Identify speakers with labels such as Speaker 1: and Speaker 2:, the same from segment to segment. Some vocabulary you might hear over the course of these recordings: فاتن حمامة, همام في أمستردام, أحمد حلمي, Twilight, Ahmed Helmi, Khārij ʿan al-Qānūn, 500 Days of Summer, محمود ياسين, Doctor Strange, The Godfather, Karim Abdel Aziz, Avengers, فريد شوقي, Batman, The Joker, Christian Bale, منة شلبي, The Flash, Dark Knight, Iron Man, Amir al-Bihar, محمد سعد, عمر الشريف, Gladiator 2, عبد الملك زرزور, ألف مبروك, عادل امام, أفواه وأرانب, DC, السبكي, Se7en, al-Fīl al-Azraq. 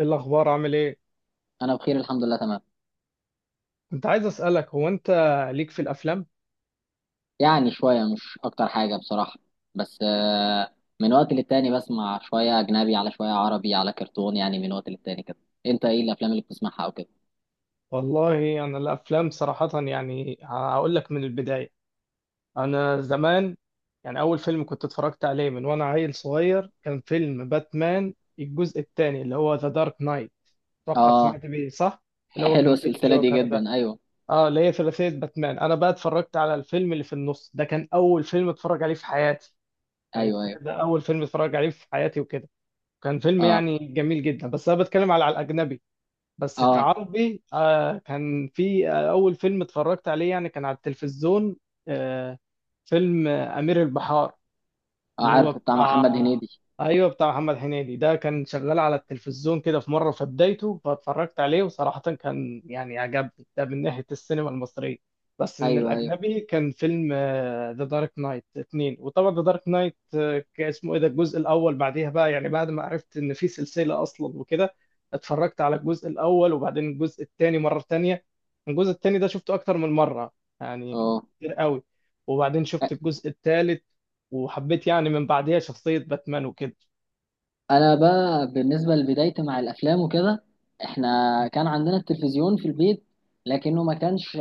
Speaker 1: ايه الاخبار؟ عامل ايه؟
Speaker 2: انا بخير الحمد لله تمام.
Speaker 1: كنت عايز اسالك، هو انت ليك في الافلام؟
Speaker 2: يعني شويه مش اكتر حاجه بصراحه. بس من وقت للتاني بسمع شويه اجنبي على شويه عربي على كرتون، يعني من وقت للتاني كده. انت ايه الافلام اللي بتسمعها او كده؟
Speaker 1: والله انا الافلام صراحه يعني هقول لك من البدايه. انا زمان، يعني اول فيلم كنت اتفرجت عليه من وانا عيل صغير كان فيلم باتمان الجزء الثاني اللي هو ذا دارك نايت. اتوقع
Speaker 2: اه،
Speaker 1: سمعت بيه، صح؟ اللي هو
Speaker 2: حلوه
Speaker 1: كان فيه
Speaker 2: السلسله دي
Speaker 1: الجوكر ده.
Speaker 2: جدا. ايوه
Speaker 1: اه اللي هي ثلاثيه باتمان. انا بقى اتفرجت على الفيلم اللي في النص ده، كان اول فيلم اتفرج عليه في حياتي. يعني
Speaker 2: ايوه ايوه.
Speaker 1: تخيل، ده اول فيلم اتفرج عليه في حياتي وكده. كان فيلم
Speaker 2: اه
Speaker 1: يعني جميل جدا، بس انا بتكلم على الاجنبي. بس
Speaker 2: اه.
Speaker 1: كعربي كان في أول فيلم اتفرجت عليه يعني كان على التلفزيون. آه فيلم أمير البحار.
Speaker 2: آه،
Speaker 1: اللي هو
Speaker 2: عارفه، بتاع محمد
Speaker 1: بتاع
Speaker 2: هنيدي.
Speaker 1: ايوه، بتاع محمد هنيدي ده كان شغال على التلفزيون كده في مره في بدايته، فاتفرجت عليه وصراحه كان يعني عجبني ده من ناحيه السينما المصريه. بس من
Speaker 2: ايوه ايوه
Speaker 1: الاجنبي كان فيلم ذا دارك نايت اتنين. وطبعا ذا دارك نايت اسمه ايه ده الجزء الاول، بعديها بقى يعني بعد ما عرفت ان في سلسله اصلا وكده، اتفرجت على الجزء الاول وبعدين الجزء الثاني مره ثانيه. الجزء الثاني ده شفته اكتر من مره يعني
Speaker 2: اه.
Speaker 1: كتير قوي. وبعدين شفت الجزء الثالث وحبيت يعني من بعديها شخصية باتمان وكده.
Speaker 2: انا بقى بالنسبه لبدايتي مع الافلام وكده، احنا كان عندنا التلفزيون في البيت، لكنه ما كانش،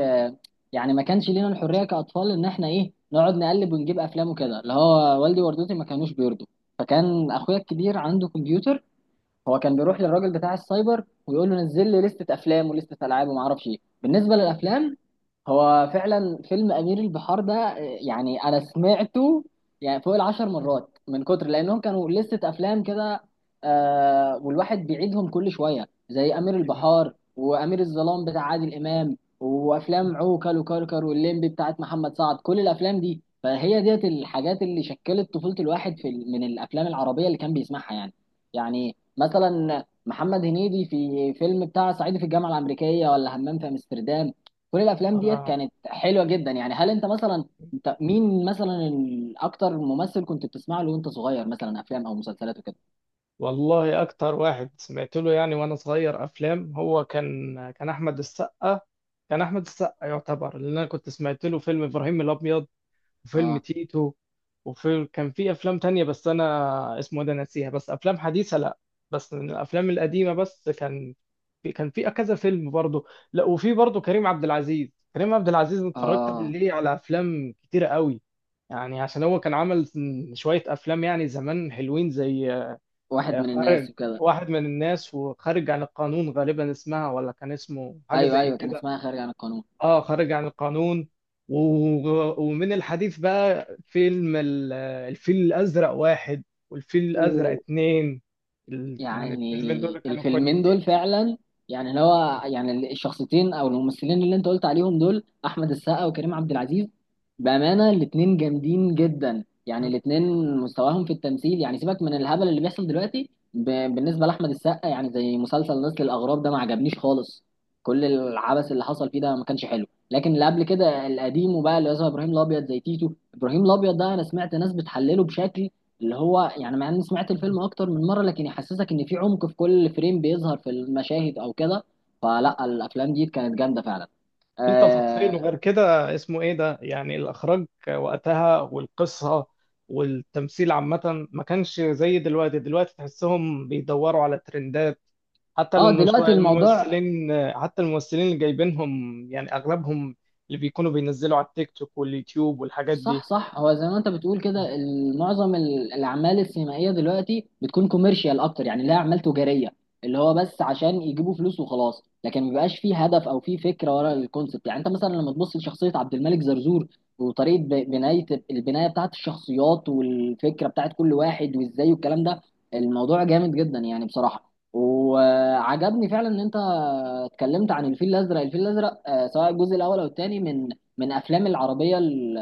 Speaker 2: يعني ما كانش لينا الحريه كاطفال ان احنا ايه نقعد نقلب ونجيب افلام وكده، اللي هو والدي ووالدتي ما كانوش بيرضوا. فكان اخويا الكبير عنده كمبيوتر، هو كان بيروح للراجل بتاع السايبر ويقول له نزل لي لستة افلام ولستة العاب وما اعرفش ايه. بالنسبه للافلام، هو فعلا فيلم امير البحار ده يعني انا سمعته يعني فوق 10 مرات من كتر لانهم كانوا لستة افلام كده. آه، والواحد بيعيدهم كل شويه زي امير
Speaker 1: ايوه.
Speaker 2: البحار وامير الظلام بتاع عادل امام وافلام عوكل وكركر واللمبي بتاعت محمد سعد. كل الافلام دي فهي ديت الحاجات اللي شكلت طفوله الواحد في من الافلام العربيه اللي كان بيسمعها يعني. يعني مثلا محمد هنيدي في فيلم بتاع صعيدي في الجامعه الامريكيه، ولا همام في امستردام. كل الافلام ديت
Speaker 1: آه.
Speaker 2: كانت حلوه جدا يعني. هل انت مثلا مين مثلا اكتر ممثل كنت بتسمع له وانت صغير، مثلا افلام او مسلسلات وكده؟
Speaker 1: والله أكتر واحد سمعت له يعني وأنا صغير أفلام هو كان أحمد السقا. كان أحمد السقا يعتبر، لأن أنا كنت سمعت له فيلم إبراهيم الأبيض وفيلم
Speaker 2: اه
Speaker 1: تيتو. كان في افلام تانية بس انا اسمه إيه ده ناسيها، بس افلام حديثة لا، بس من الافلام القديمة. بس كان في كذا فيلم برضو. لا، وفي برضو كريم عبد العزيز. كريم عبد العزيز اتفرجت
Speaker 2: اه.
Speaker 1: ليه على افلام كتيرة قوي، يعني عشان هو كان عمل شوية افلام يعني زمان حلوين، زي
Speaker 2: واحد
Speaker 1: آه،
Speaker 2: من
Speaker 1: خارج
Speaker 2: الناس وكده.
Speaker 1: واحد من الناس، وخارج عن القانون، غالبا اسمها ولا كان اسمه حاجة
Speaker 2: ايوه
Speaker 1: زي
Speaker 2: ايوه، كان
Speaker 1: كده.
Speaker 2: اسمها خارج عن
Speaker 1: اه، خارج عن القانون. ومن الحديث بقى، فيلم الفيل الأزرق واحد والفيل الأزرق
Speaker 2: القانون.
Speaker 1: اتنين. يعني الفيلمين
Speaker 2: يعني
Speaker 1: دول كانوا
Speaker 2: الفيلمين
Speaker 1: كويسين،
Speaker 2: دول فعلا، يعني اللي هو يعني الشخصيتين او الممثلين اللي انت قلت عليهم دول احمد السقا وكريم عبد العزيز، بامانه الاتنين جامدين جدا. يعني الاتنين مستواهم في التمثيل يعني سيبك من الهبل اللي بيحصل دلوقتي بالنسبه لاحمد السقا، يعني زي مسلسل نسل الاغراب ده ما عجبنيش خالص. كل العبث اللي حصل فيه ده ما كانش حلو، لكن اللي قبل كده القديم وبقى اللي هو ابراهيم الابيض زي تيتو، ابراهيم الابيض ده انا سمعت ناس بتحلله بشكل، اللي هو يعني مع اني سمعت الفيلم اكتر من مره لكن يحسسك ان في عمق في كل فريم بيظهر في المشاهد او كده. فلا، الافلام دي كانت جامده فعلا.
Speaker 1: في
Speaker 2: اه.
Speaker 1: تفاصيل، وغير كده اسمه ايه ده يعني الاخراج وقتها والقصه والتمثيل عامه ما كانش زي دلوقتي. دلوقتي تحسهم بيدوروا على ترندات،
Speaker 2: دلوقتي الموضوع
Speaker 1: حتى الممثلين اللي جايبينهم يعني اغلبهم اللي بيكونوا بينزلوا على التيك توك واليوتيوب والحاجات
Speaker 2: صح
Speaker 1: دي.
Speaker 2: صح، هو زي ما انت بتقول كده معظم الاعمال السينمائيه دلوقتي بتكون كوميرشال اكتر، يعني لها اعمال تجاريه، اللي هو بس عشان يجيبوا فلوس وخلاص. لكن ما بيبقاش فيه هدف او فيه فكره ورا الكونسبت. يعني انت مثلا لما تبص لشخصيه عبد الملك زرزور وطريقه بنايه البنايه بتاعت الشخصيات والفكره بتاعت كل واحد وازاي والكلام ده، الموضوع جامد جدا يعني بصراحه. وعجبني فعلا ان انت اتكلمت عن الفيل الازرق، الفيل الازرق سواء الجزء الاول او الثاني من من افلام العربيه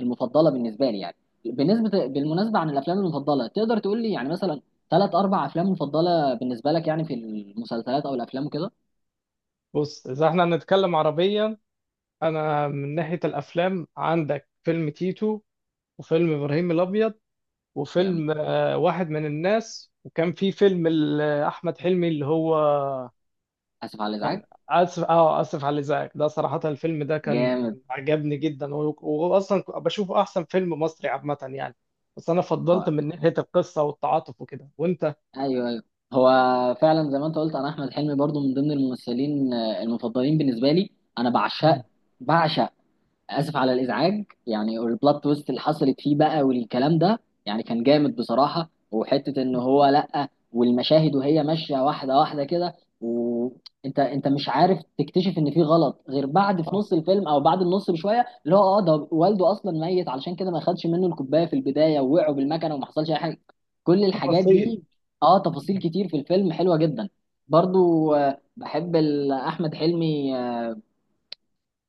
Speaker 2: المفضله بالنسبه لي يعني. بالنسبه بالمناسبه عن الافلام المفضله، تقدر تقول لي يعني مثلا ثلاث اربع افلام مفضله بالنسبه لك، يعني في المسلسلات او الافلام وكده؟
Speaker 1: بص، اذا احنا هنتكلم عربيا، انا من ناحيه الافلام عندك فيلم تيتو وفيلم ابراهيم الابيض
Speaker 2: جامد.
Speaker 1: وفيلم واحد من الناس، وكان في فيلم احمد حلمي اللي هو
Speaker 2: اسف على
Speaker 1: كان
Speaker 2: الازعاج.
Speaker 1: اسف على الازعاج. ده صراحة الفيلم ده كان
Speaker 2: جامد.
Speaker 1: عجبني جدا، واصلا بشوفه احسن فيلم مصري عامة يعني. بس انا
Speaker 2: هو
Speaker 1: فضلت من ناحية القصة والتعاطف وكده، وانت.
Speaker 2: ايوه ايوه. هو فعلا زي ما انت قلت، انا احمد حلمي برضو من ضمن الممثلين المفضلين بالنسبه لي. انا بعشق،
Speaker 1: مم.
Speaker 2: بعشق اسف على الازعاج. يعني البلوت تويست اللي حصلت فيه بقى والكلام ده يعني كان جامد بصراحه. وحته ان هو لا، والمشاهد وهي ماشيه واحده واحده كده وانت مش عارف تكتشف ان في غلط غير بعد في
Speaker 1: صح.
Speaker 2: نص الفيلم او بعد النص بشويه، اللي هو اه ده والده اصلا ميت، علشان كده ما خدش منه الكوبايه في البدايه، ووقعوا بالمكنه وما حصلش اي حاجه. كل الحاجات
Speaker 1: التفاصيل.
Speaker 2: دي. اه، تفاصيل كتير في الفيلم حلوه جدا. برضو بحب احمد حلمي.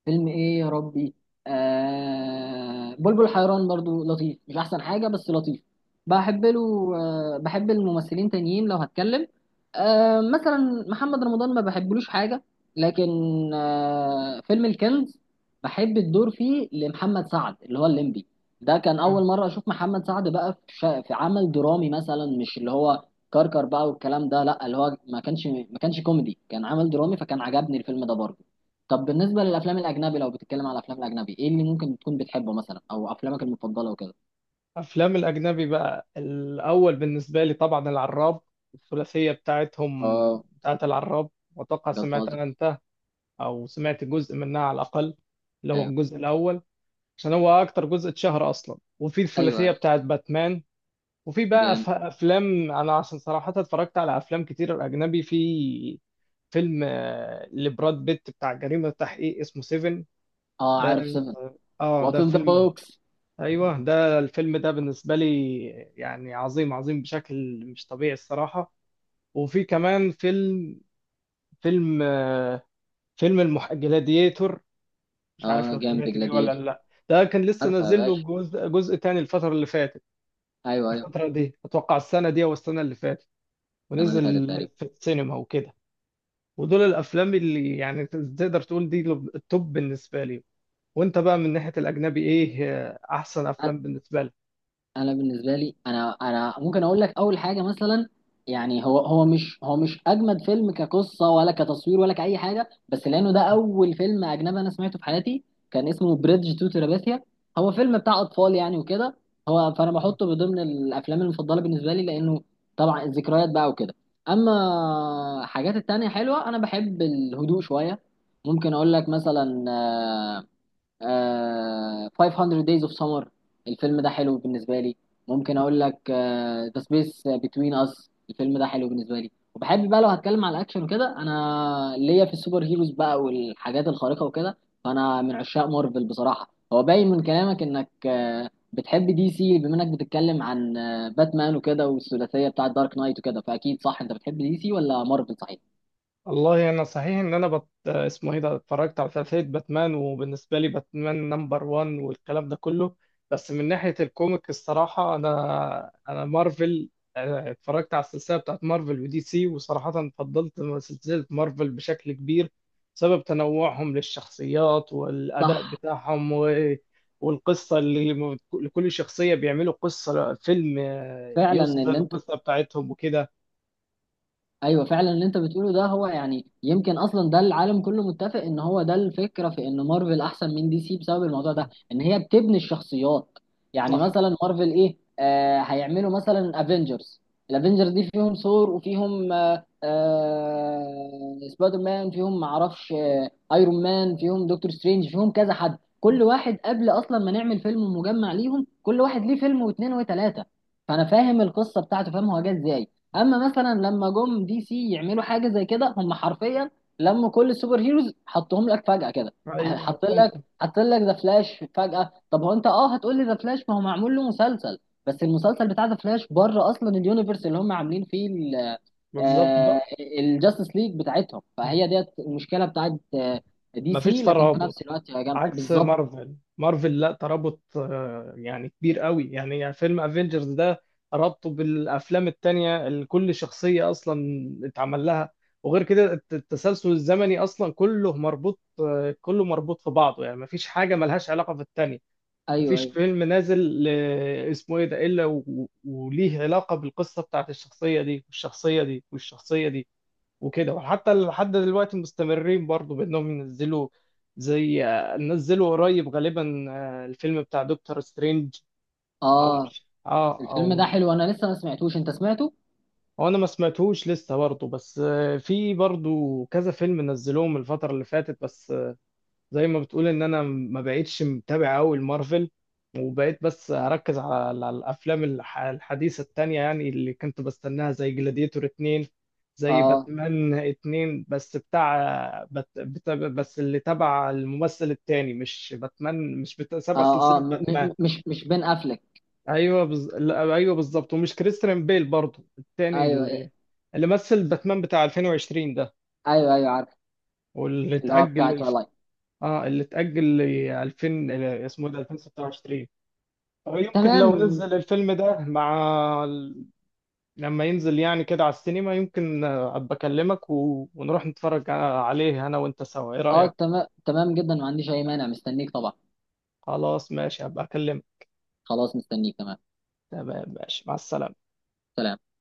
Speaker 2: فيلم ايه يا ربي، آه بلبل حيران برضو لطيف، مش احسن حاجة بس لطيف. بحب له آه، بحب الممثلين تانيين لو هتكلم، آه مثلا محمد رمضان ما بحبلوش حاجة. لكن آه، فيلم الكنز بحب الدور فيه لمحمد سعد اللي هو الليمبي. ده كان أول
Speaker 1: مم.
Speaker 2: مرة أشوف محمد سعد بقى في عمل درامي مثلا، مش اللي هو كركر بقى والكلام ده. لا، اللي هو ما كانش كوميدي، كان عمل درامي، فكان عجبني الفيلم ده برضه. طب بالنسبة للأفلام الأجنبي، لو بتتكلم على الأفلام الأجنبي إيه اللي ممكن تكون بتحبه مثلا، أو أفلامك المفضلة وكده؟
Speaker 1: افلام الاجنبي بقى، الاول بالنسبة لي طبعا العراب، الثلاثية بتاعتهم
Speaker 2: آه،
Speaker 1: بتاعت العراب. واتوقع
Speaker 2: جاد
Speaker 1: سمعت
Speaker 2: فازر.
Speaker 1: انا، انت او سمعت جزء منها على الاقل، اللي هو
Speaker 2: أيوه
Speaker 1: الجزء الاول، عشان هو اكتر جزء اتشهر اصلا. وفي
Speaker 2: أيوه
Speaker 1: الثلاثيه
Speaker 2: أيوه.
Speaker 1: بتاعت باتمان، وفي بقى
Speaker 2: جامد.
Speaker 1: افلام، انا عشان صراحه اتفرجت على افلام كتير اجنبي. في فيلم لبراد بيت بتاع جريمه تحقيق اسمه سيفن
Speaker 2: آه،
Speaker 1: ده.
Speaker 2: عارف سيفن.
Speaker 1: اه،
Speaker 2: وات
Speaker 1: ده
Speaker 2: إن ذا
Speaker 1: فيلم.
Speaker 2: بوكس.
Speaker 1: ايوه، ده الفيلم ده بالنسبه لي يعني عظيم، عظيم بشكل مش طبيعي الصراحه. وفي كمان فيلم فيلم المح... مش عارف
Speaker 2: آه
Speaker 1: لو
Speaker 2: جامد،
Speaker 1: سمعت بيه ولا
Speaker 2: جلاديتور.
Speaker 1: لا. ده كان لسه
Speaker 2: عارفه يا
Speaker 1: نازل له
Speaker 2: باشا.
Speaker 1: جزء، جزء تاني الفترة اللي فاتت.
Speaker 2: أيوه أيوه.
Speaker 1: الفترة دي أتوقع السنة دي أو السنة اللي فاتت،
Speaker 2: السنة اللي
Speaker 1: ونزل
Speaker 2: فاتت تقريبا.
Speaker 1: في السينما وكده. ودول الأفلام اللي يعني تقدر تقول دي التوب بالنسبة لي. وأنت بقى من ناحية الأجنبي، إيه أحسن أفلام بالنسبة لك؟
Speaker 2: انا بالنسبه لي انا ممكن اقول لك اول حاجه مثلا، يعني هو مش اجمد فيلم كقصه ولا كتصوير ولا كاي حاجه، بس لانه ده اول فيلم اجنبي انا سمعته في حياتي، كان اسمه بريدج تو تراباثيا. هو فيلم بتاع اطفال يعني وكده. هو فانا بحطه بضمن الافلام المفضله بالنسبه لي لانه طبعا الذكريات بقى وكده. اما حاجات التانية حلوه، انا بحب الهدوء شويه. ممكن اقول لك مثلا آه 500 Days of Summer، الفيلم ده حلو بالنسبة لي. ممكن أقول لك آه The Space Between Us، الفيلم ده حلو بالنسبة لي. وبحب بقى لو هتكلم على الأكشن وكده، أنا ليا في السوبر هيروز بقى والحاجات الخارقة وكده، فأنا من عشاق مارفل بصراحة. هو باين من كلامك إنك بتحب دي سي، بما إنك بتتكلم عن باتمان وكده والثلاثية بتاعة دارك نايت وكده، فأكيد صح، أنت بتحب دي سي ولا مارفل صحيح؟
Speaker 1: والله انا صحيح ان انا اسمه ايه ده، اتفرجت على ثلاثيه باتمان. وبالنسبه لي باتمان نمبر 1 والكلام ده كله. بس من ناحيه الكوميك الصراحه انا مارفل. اتفرجت على السلسله بتاعت مارفل ودي سي، وصراحه فضلت سلسله مارفل بشكل كبير، بسبب تنوعهم للشخصيات والاداء
Speaker 2: صح
Speaker 1: بتاعهم، و... والقصه اللي لكل شخصيه بيعملوا قصه فيلم
Speaker 2: فعلا
Speaker 1: يوصف بيها
Speaker 2: ان انت.
Speaker 1: القصه بتاعتهم وكده.
Speaker 2: ايوه فعلا اللي انت بتقوله ده، هو يعني يمكن اصلا ده العالم كله متفق ان هو ده الفكره في ان مارفل احسن من دي سي بسبب الموضوع ده، ان هي بتبني الشخصيات. يعني
Speaker 1: صح.
Speaker 2: مثلا مارفل ايه آه، هيعملوا مثلا افنجرز. الافنجرز دي فيهم ثور، وفيهم سبايدر مان، فيهم معرفش آه ايرون مان، فيهم دكتور سترينج، فيهم كذا حد. كل واحد قبل اصلا ما نعمل فيلم مجمع ليهم، كل واحد ليه فيلم واثنين وثلاثه، فانا فاهم القصه بتاعته، فاهم هو جه ازاي. اما مثلا لما جم دي سي يعملوا حاجه زي كده، هم حرفيا لموا كل السوبر هيروز حطهم لك فجاه كده.
Speaker 1: ايوه،
Speaker 2: حط
Speaker 1: حطهم.
Speaker 2: لك، ذا فلاش فجاه. طب هو انت اه هتقول لي ذا فلاش ما هو معمول له مسلسل. بس المسلسل بتاع ذا فلاش بره اصلا اليونيفرس اللي هم عاملين فيه
Speaker 1: بالظبط
Speaker 2: آه،
Speaker 1: بقى،
Speaker 2: الجاستس ليج بتاعتهم. فهي ديت المشكله بتاعت دي
Speaker 1: مفيش
Speaker 2: سي، لكن في
Speaker 1: ترابط
Speaker 2: نفس الوقت هي جامده
Speaker 1: عكس
Speaker 2: بالظبط.
Speaker 1: مارفل. مارفل لا، ترابط يعني كبير قوي. يعني فيلم افنجرز ده ربطه بالافلام التانية اللي كل شخصية اصلا اتعمل لها، وغير كده التسلسل الزمني اصلا كله مربوط في بعضه، يعني مفيش حاجة ملهاش علاقة في التانية.
Speaker 2: ايوه
Speaker 1: مفيش
Speaker 2: ايوه.
Speaker 1: فيلم نازل اسمه ايه ده الا وليه علاقة بالقصة بتاعت الشخصية دي والشخصية دي والشخصية دي وكده. وحتى لحد دلوقتي مستمرين برضو بانهم ينزلوا، زي نزلوا قريب غالبا الفيلم بتاع دكتور سترينج، او
Speaker 2: اه،
Speaker 1: مش، اه
Speaker 2: الفيلم ده
Speaker 1: او
Speaker 2: حلو، انا لسه ما سمعتوش. انت سمعته؟
Speaker 1: هو، انا ما سمعتهوش لسه برضو. بس في برضو كذا فيلم نزلوهم الفترة اللي فاتت. بس زي ما بتقول ان انا ما بقتش متابع قوي المارفل، وبقيت بس اركز على الافلام الحديثه التانية، يعني اللي كنت بستناها زي جلاديتور 2، زي
Speaker 2: اه
Speaker 1: باتمان 2 بس بتاع بت... بت... بس اللي تبع الممثل التاني، مش باتمان، مش بتاع سبع
Speaker 2: اه اه
Speaker 1: سلسله باتمان.
Speaker 2: مش بين افلك.
Speaker 1: ايوه، لا، ايوه بالظبط، ومش كريستيان بيل برضه، التاني
Speaker 2: ايوه
Speaker 1: اللي مثل باتمان بتاع 2020 ده،
Speaker 2: ايوه ايوه عارف.
Speaker 1: واللي
Speaker 2: اللي هو بتاع
Speaker 1: اتأجل
Speaker 2: تويلايت.
Speaker 1: اه اللي اتأجل ل 2000، اسمه إيه ده 2026. يمكن لو
Speaker 2: تمام.
Speaker 1: نزل الفيلم ده مع ال- لما ينزل يعني كده على السينما، يمكن ابقى اكلمك و... ونروح نتفرج عليه انا وانت سوا، ايه
Speaker 2: اه
Speaker 1: رأيك؟
Speaker 2: تمام تمام جدا، ما عنديش اي مانع، مستنيك طبعا.
Speaker 1: خلاص ماشي، هبقى اكلمك.
Speaker 2: خلاص مستنيك تمام.
Speaker 1: تمام، ماشي، مع السلامة.
Speaker 2: سلام.